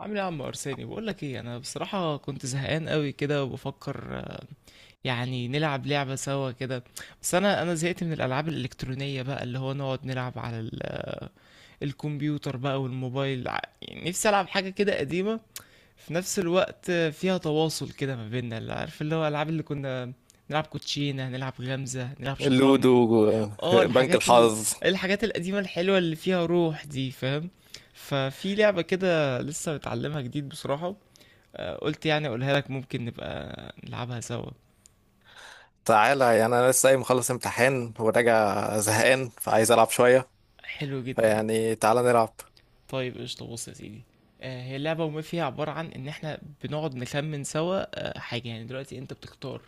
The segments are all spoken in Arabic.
عامل ايه يا عم ارساني؟ بقول لك ايه، انا بصراحه كنت زهقان قوي كده وبفكر يعني نلعب لعبه سوا كده. بس انا زهقت من الالعاب الالكترونيه بقى، اللي هو نقعد نلعب على الكمبيوتر بقى والموبايل. يعني نفسي العب حاجه كده قديمه في نفس الوقت، فيها تواصل كده ما بيننا، اللي عارف اللي هو الالعاب اللي كنا نلعب كوتشينه، نلعب غمزه، نلعب شطرنج. اللودو. اه، بنك الحظ. الحاجات القديمه الحلوه اللي فيها روح دي، فاهم؟ ففي لعبه كده لسه متعلمها جديد بصراحه، قلت يعني اقولها لك، ممكن نبقى نلعبها سوا. تعالى، يعني انا لسه قايم مخلص امتحان وراجع زهقان، فعايز العب شويه، حلو جدا. فيعني تعالى نلعب. طيب قشطة، بص يا سيدي، هي اللعبة وما فيها عبارة عن إن إحنا بنقعد نخمن سوا حاجة. يعني دلوقتي أنت بتختار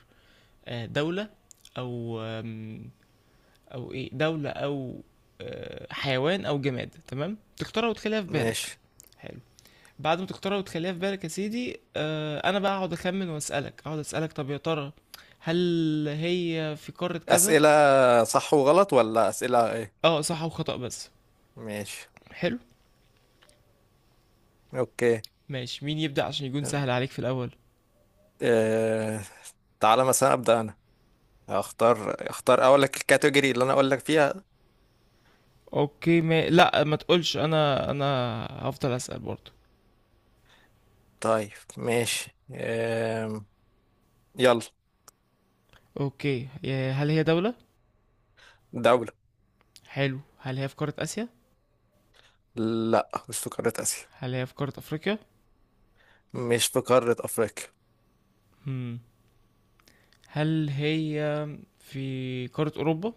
دولة، أو أو إيه، دولة، أو حيوان، أو جماد. تمام، تختارها وتخليها في بالك. ماشي. حلو. بعد ما تختارها وتخليها في بالك يا سيدي، أنا بقى أقعد أخمن وأسألك، أقعد أسألك طب يا ترى هل هي في قارة كذا؟ اسئله صح وغلط، ولا اسئله ايه؟ أه، صح وخطأ بس. ماشي. حلو. اوكي. ماشي، مين يبدأ عشان يكون سهل عليك في الأول؟ اه... تعالى مثلا ابدا انا، اختار اقول لك الكاتيجوري اللي انا اقول لك فيها. اوكي، ما... لا ما تقولش، انا هفضل أسأل برضه. طيب. ماشي. اه... يلا. اوكي، هل هي دولة؟ دوله. حلو، هل هي في قارة آسيا؟ لا، مش في قاره اسيا. هل هي في قارة أفريقيا؟ مش في قاره افريقيا. هم. هل هي في قارة أوروبا؟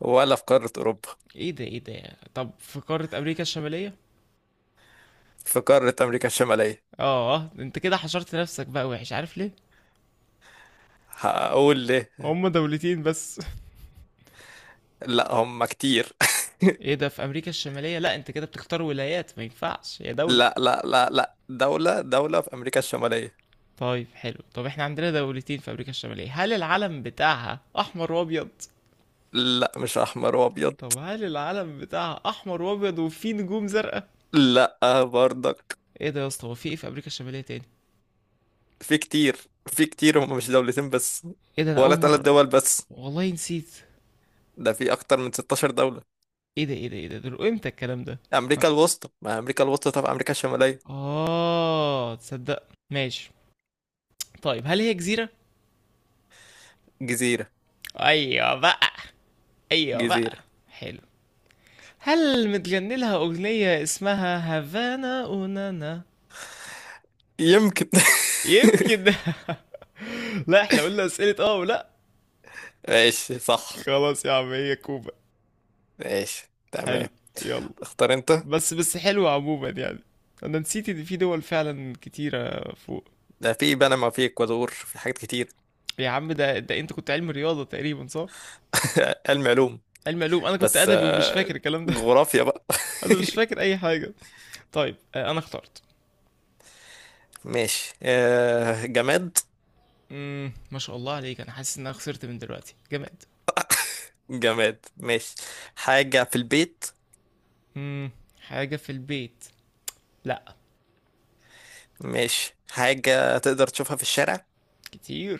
ولا في قاره اوروبا. ايه ده، ايه ده، طب في قارة أمريكا الشمالية؟ في قارة أمريكا الشمالية. اه، انت كده حشرت نفسك بقى وحش، عارف ليه؟ هقول ليه. هما دولتين بس. لا، هم كتير. ايه ده، في امريكا الشمالية؟ لا انت كده بتختار ولايات، ما ينفعش، هي دولة. لا، لا، لا، لا، دولة، دولة في أمريكا الشمالية. طيب حلو، طب احنا عندنا دولتين في امريكا الشمالية. هل العلم بتاعها احمر وابيض؟ لا، مش أحمر وأبيض. طب هل العلم بتاعها احمر وابيض وفيه نجوم زرقاء؟ لا. برضك. ايه ده يا اسطى، هو في ايه في امريكا الشمالية تاني؟ في كتير. في كتير، هم مش دولتين بس. ايه ده، انا ولا اول ثلاث مرة دول بس. والله نسيت. ده في أكتر من 16 دولة. ايه ده، ايه ده، ايه ده، دول امتى الكلام ده؟ أمريكا الوسطى، ما أمريكا الوسطى. طب أمريكا الشمالية. اه تصدق. ماشي، طيب هل هي جزيرة؟ جزيرة. ايوه بقى، ايوه بقى. جزيرة. حلو، هل متغني لها اغنية اسمها هافانا اونانا؟ يمكن. يمكن. لا احنا قلنا اسئلة اه ولا؟ ماشي، صح. خلاص يا عم، هي كوبا. ماشي، حلو، تمام. يلا. اختار انت. بس بس حلوة عموما يعني، انا نسيت ان في دول فعلا كتيرة فوق. ده في بنما، في اكوادور، في حاجات كتير. يا عم، ده ده انت كنت علم رياضة تقريبا، صح؟ علم علوم. علم علوم، انا كنت بس، ادبي ومش فاكر الكلام ده. جغرافيا بقى. انا مش فاكر اي حاجة. طيب انا اخترت. ماشي. جماد. ما شاء الله عليك، انا حاسس ان انا خسرت من دلوقتي. جماد. جماد. ماشي. حاجة في البيت. امم حاجة في البيت. لا. ماشي. حاجة تقدر تشوفها في الشارع. كتير.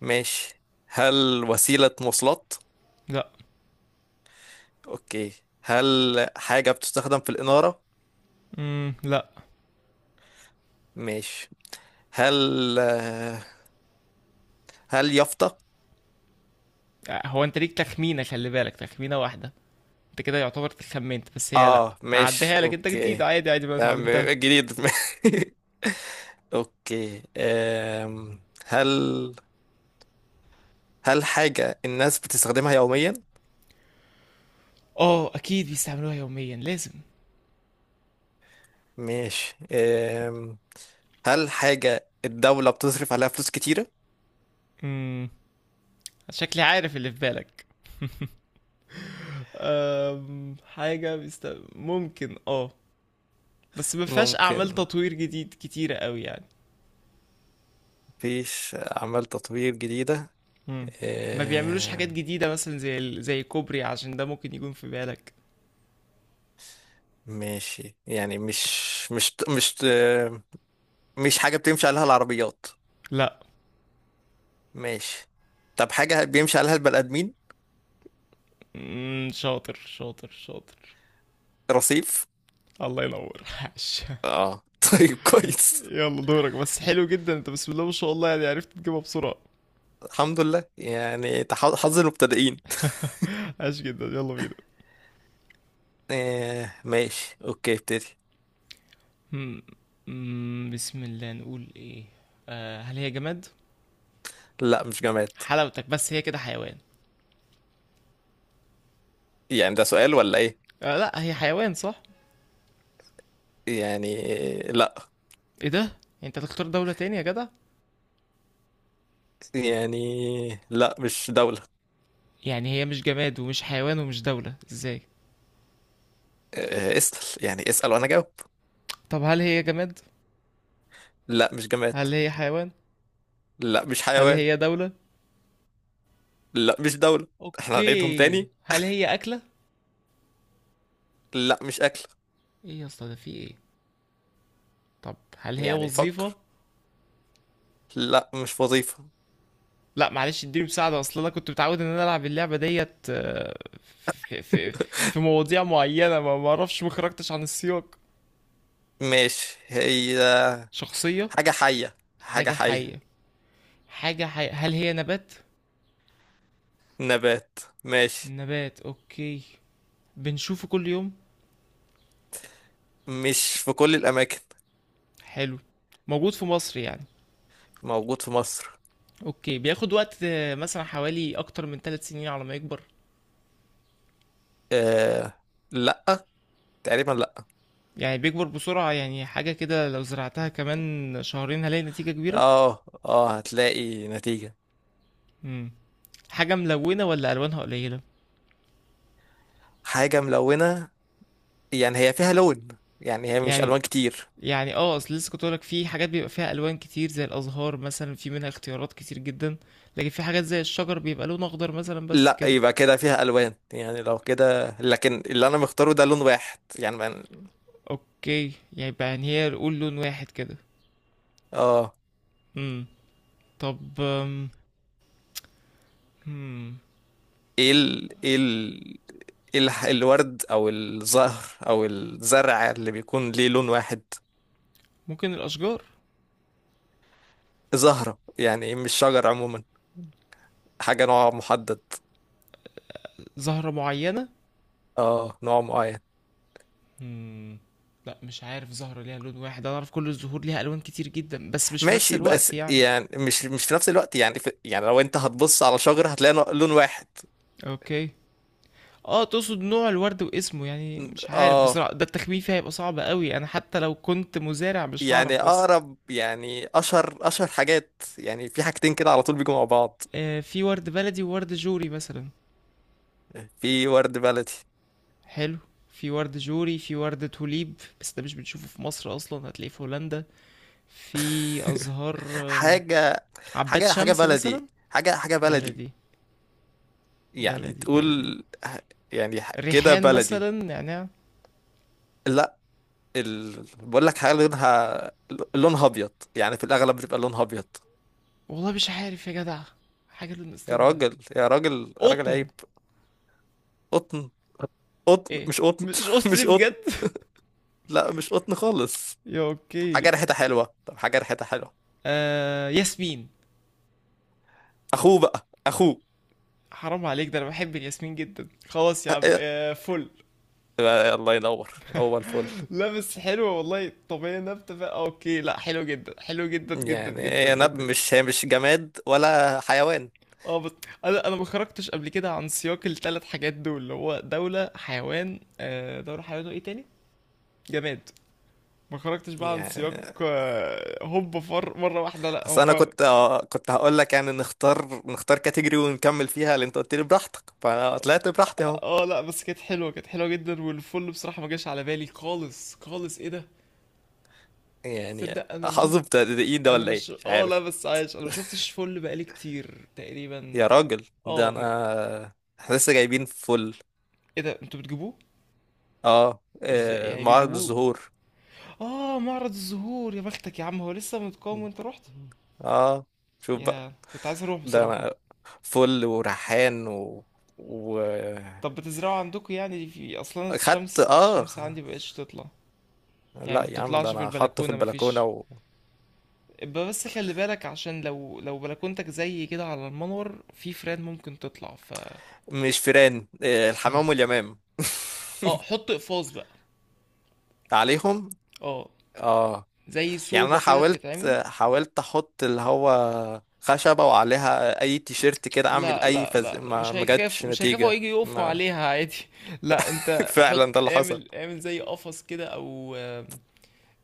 ماشي. هل وسيلة مواصلات؟ لا. اوكي. هل حاجة بتستخدم في الإنارة؟ لا. ماشي. هل آه، هل يافطة؟ هو انت ليك تخمينة، خلي بالك تخمينة واحدة، انت كده يعتبر خمنت، بس هي لا اه، ماشي، هعديها لك، انت جديد، اوكي، عادي عادي ما تمام، اتعلمتها. جديد. اوكي. هل حاجة الناس بتستخدمها يوميا؟ اه اكيد بيستعملوها يوميا، لازم. ماشي. هل حاجة الدولة بتصرف عليها فلوس كتيرة؟ امم شكلي عارف اللي في بالك. أم... حاجة بيست... ممكن اه، بس ما فيهاش اعمال ممكن. تطوير جديد كتيرة قوي يعني. مفيش أعمال تطوير جديدة. امم ما بيعملوش حاجات أم، جديدة مثلا زي زي كوبري، عشان ده ممكن يكون في بالك. ماشي. يعني مش، مش مش مش حاجة بتمشي عليها العربيات. لا. ماشي. طب حاجة بيمشي عليها البني آدمين. شاطر شاطر شاطر. رصيف. الله ينور، عاش. اه. طيب، كويس. يلا دورك، بس حلو جدا انت، بسم الله ما شاء الله، يعني عرفت تجيبها بسرعة. الحمد لله، يعني حظ المبتدئين. عاش جدا، يلا بينا. آه، ماشي، اوكي، ابتدي. مم. بسم الله، نقول ايه. آه، هل هي جماد؟ لا، مش جماد. حلاوتك، بس هي كده حيوان. يعني ده سؤال ولا ايه؟ آه، لا هي حيوان، صح؟ يعني، لا. ايه ده، انت تختار دولة تاني يا جدع. يعني، لا، مش دولة. يعني هي مش جماد ومش حيوان ومش دولة، ازاي؟ اسأل، يعني اسأل وأنا جاوب. طب هل هي جماد؟ لا، مش جماد. هل هي حيوان؟ لا، مش هل حيوان. هي دولة؟ لا، مش دولة. احنا هنعيدهم اوكي، تاني. هل هي اكلة؟ لا، مش أكل. ايه يا اسطى، ده في ايه؟ طب هل هي يعني وظيفة؟ فكر. لا، مش وظيفة. لا معلش اديني مساعدة، اصل انا كنت متعود ان انا العب اللعبة ديت في في في مواضيع معينة، ما اعرفش، ما خرجتش عن السياق. ماشي. هي شخصية. حاجة حية، حاجة حاجة حية. حية، حاجة حية. هل هي نبات؟ نبات. ماشي. نبات اوكي، بنشوفه كل يوم. مش في كل الأماكن. حلو، موجود في مصر يعني. موجود في مصر. اوكي، بياخد وقت مثلا حوالي اكتر من 3 سنين على ما يكبر. آه. لا. تقريبا، لا. يعني بيكبر بسرعة، يعني حاجة كده لو زرعتها كمان شهرين هلاقي نتيجة كبيرة. اه هتلاقي نتيجة. مم. حاجة ملونة ولا ألوانها قليلة؟ حاجة ملونة، يعني هي فيها لون، يعني هي مش يعني، ألوان كتير. يعني اه، اصل لسه كنت لك في حاجات بيبقى فيها ألوان كتير، زي الأزهار مثلا في منها اختيارات كتير جدا، لكن في حاجات زي الشجر بيبقى لون أخضر مثلا بس لا، كده. يبقى كده فيها الوان، يعني لو كده. لكن اللي انا مختاره ده لون واحد، يعني اوكي، يبقى يعني هي نقول لون واحد كده. اه. امم طب هم، ايه ال... ايه ال... إيه الح- الورد او الزهر او الزرع اللي بيكون ليه لون واحد؟ ممكن الاشجار. زهرة، يعني مش شجر عموما. حاجة نوع محدد. زهرة معينة. اه، نوع معين. هم، لا مش عارف زهرة ليها لون واحد، انا اعرف كل الزهور ليها الوان كتير جدا بس مش في نفس ماشي. الوقت بس يعني. يعني مش في نفس الوقت، يعني يعني لو انت هتبص على شجر هتلاقي لون واحد. اوكي، اه تقصد نوع الورد واسمه، يعني مش عارف اه. بصراحة، ده التخمين فيها هيبقى صعب قوي، انا حتى لو كنت مزارع مش يعني هعرف بس. اقرب، يعني اشهر حاجات، يعني في حاجتين كده على طول بيجوا مع بعض. آه، في ورد بلدي وورد جوري مثلا. في ورد بلدي. حلو، في ورد جوري، في ورد توليب، بس ده مش بنشوفه في مصر اصلا، هتلاقيه في هولندا. في ازهار حاجة، عباد حاجة شمس مثلا. بلدي. حاجة بلدي. بلدي، يعني بلدي بلدي. تقول، يعني كده ريحان بلدي. مثلا، نعناع. لا. بقول لك حاجة لونها، لونها أبيض، يعني في الأغلب بتبقى لونها أبيض. والله مش عارف يا جدع. حاجه، اللي يا استنى. راجل، يا راجل، يا راجل، قطن. عيب. قطن. قطن، ايه، مش قطن. مش مش قطن بجد؟ قطن. لا، مش قطن خالص. يا اوكي. حاجة ريحتها حلوة. طب حاجة ريحتها حلوة. آه، ياسمين. أخوه بقى، أخوه. حرام عليك، ده انا بحب الياسمين جدا. خلاص يا أ- عم، أ- آه فل. الله ينور، هو الفل. لابس حلو والله، طبيعي، نبتة بقى، اوكي، لا حلو جدا، حلو جدا جدا جدا يعني انا، منك. مش هي مش جماد ولا حيوان؟ اه بس، انا ما خرجتش قبل كده عن سياق الثلاث حاجات دول، اللي هو دوله، حيوان، دوله، حيوان، وايه تاني، جماد. ما خرجتش بقى عن سياق، يعني هوب فر مره واحده، لا اصل انا هما. كنت هقول لك، يعني نختار كاتيجوري ونكمل فيها اللي انت قلت لي براحتك، فانا طلعت براحتي اهو. اه لا بس كانت حلوه جدا. والفل بصراحه ما جاش على بالي خالص خالص، ايه ده. يعني تصدق انا ما حظ شفت، بتاع ايه ده، انا ولا ايه، مش، مش اه عارف. لا بس عايش، انا ما شفتش فل بقالي كتير تقريبا. يا راجل، ده اه انا، احنا لسه جايبين فل. ايه ده، انتوا بتجيبوه؟ اه. ازاي يعني معرض بتجيبوه؟ الزهور. اه معرض الزهور، يا بختك يا عم، هو لسه متقام وانت رحت. اه. شوف بقى. يا كنت عايز اروح ده بصراحة، كنت. انا فل وريحان و طب بتزرعوا عندكم يعني؟ في اصلا خدت. الشمس، اه. الشمس عندي مبقتش تطلع. يعني لا ما يا عم، ده بتطلعش في انا حاطه في البلكونة، مفيش. البلكونه. ابقى بس خلي بالك، عشان لو بلكونتك زي كده على المنور، في فران ممكن تطلع، ف ومش فيران، إيه، مم. الحمام واليمام. اه حط اقفاص بقى. عليهم. اه، اه. زي يعني انا صوبة كده حاولت بتتعمل. حاولت احط اللي هو خشبه، وعليها اي تيشيرت كده، اعمل لا اي لا لا لا، ما مش ما جاتش هيخافوا، مش هيخافوا، نتيجه، هيجي يقفوا ما عليها عادي. لا انت حط، فعلا ده اللي حصل. اعمل اعمل زي قفص كده، او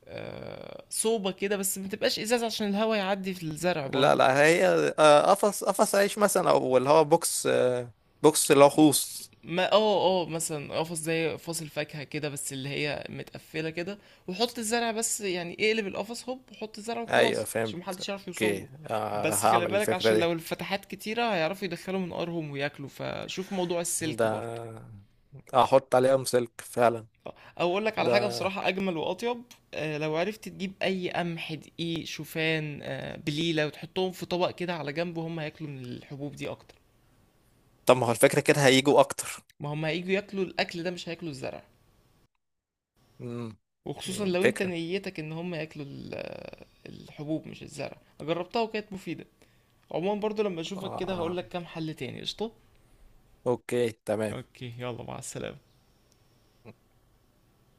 صوبة كده، بس ما تبقاش ازازة عشان الهواء يعدي في الزرع لا، برضو. لا، هي، قفص عيش مثلا، او اللي هو بوكس، بوكس اللي هو خوص. ما اه اه، مثلا قفص زي قفص الفاكهة كده، بس اللي هي متقفلة كده، وحط الزرع بس، يعني اقلب القفص هوب وحط الزرع ايوه، وخلاص عشان فهمت، محدش يعرف يوصل اوكي. له. بس خلي هعمل بالك، الفكره عشان دي. لو الفتحات كتيرة هيعرفوا يدخلوا منقارهم وياكلوا، فشوف موضوع السلك ده برضو. احط عليهم سلك فعلا. او اقول لك على حاجه بصراحه اجمل واطيب، لو عرفت تجيب اي قمح، دقيق، شوفان، بليله، وتحطهم في طبق كده على جنب، وهم هياكلوا من الحبوب دي اكتر. طب ما هو الفكرة كده هيجوا أكتر. ما هم هيجوا ياكلوا الاكل ده، مش هياكلوا الزرع. امم. وخصوصا لو انت فكرة. نيتك ان هم ياكلوا الحبوب مش الزرع. جربتها وكانت مفيدة. عموما برضو لما آه. اشوفك كده آه. هقولك كام حل تاني. قشطة. أوكي، تمام. اوكي يلا، مع السلامة.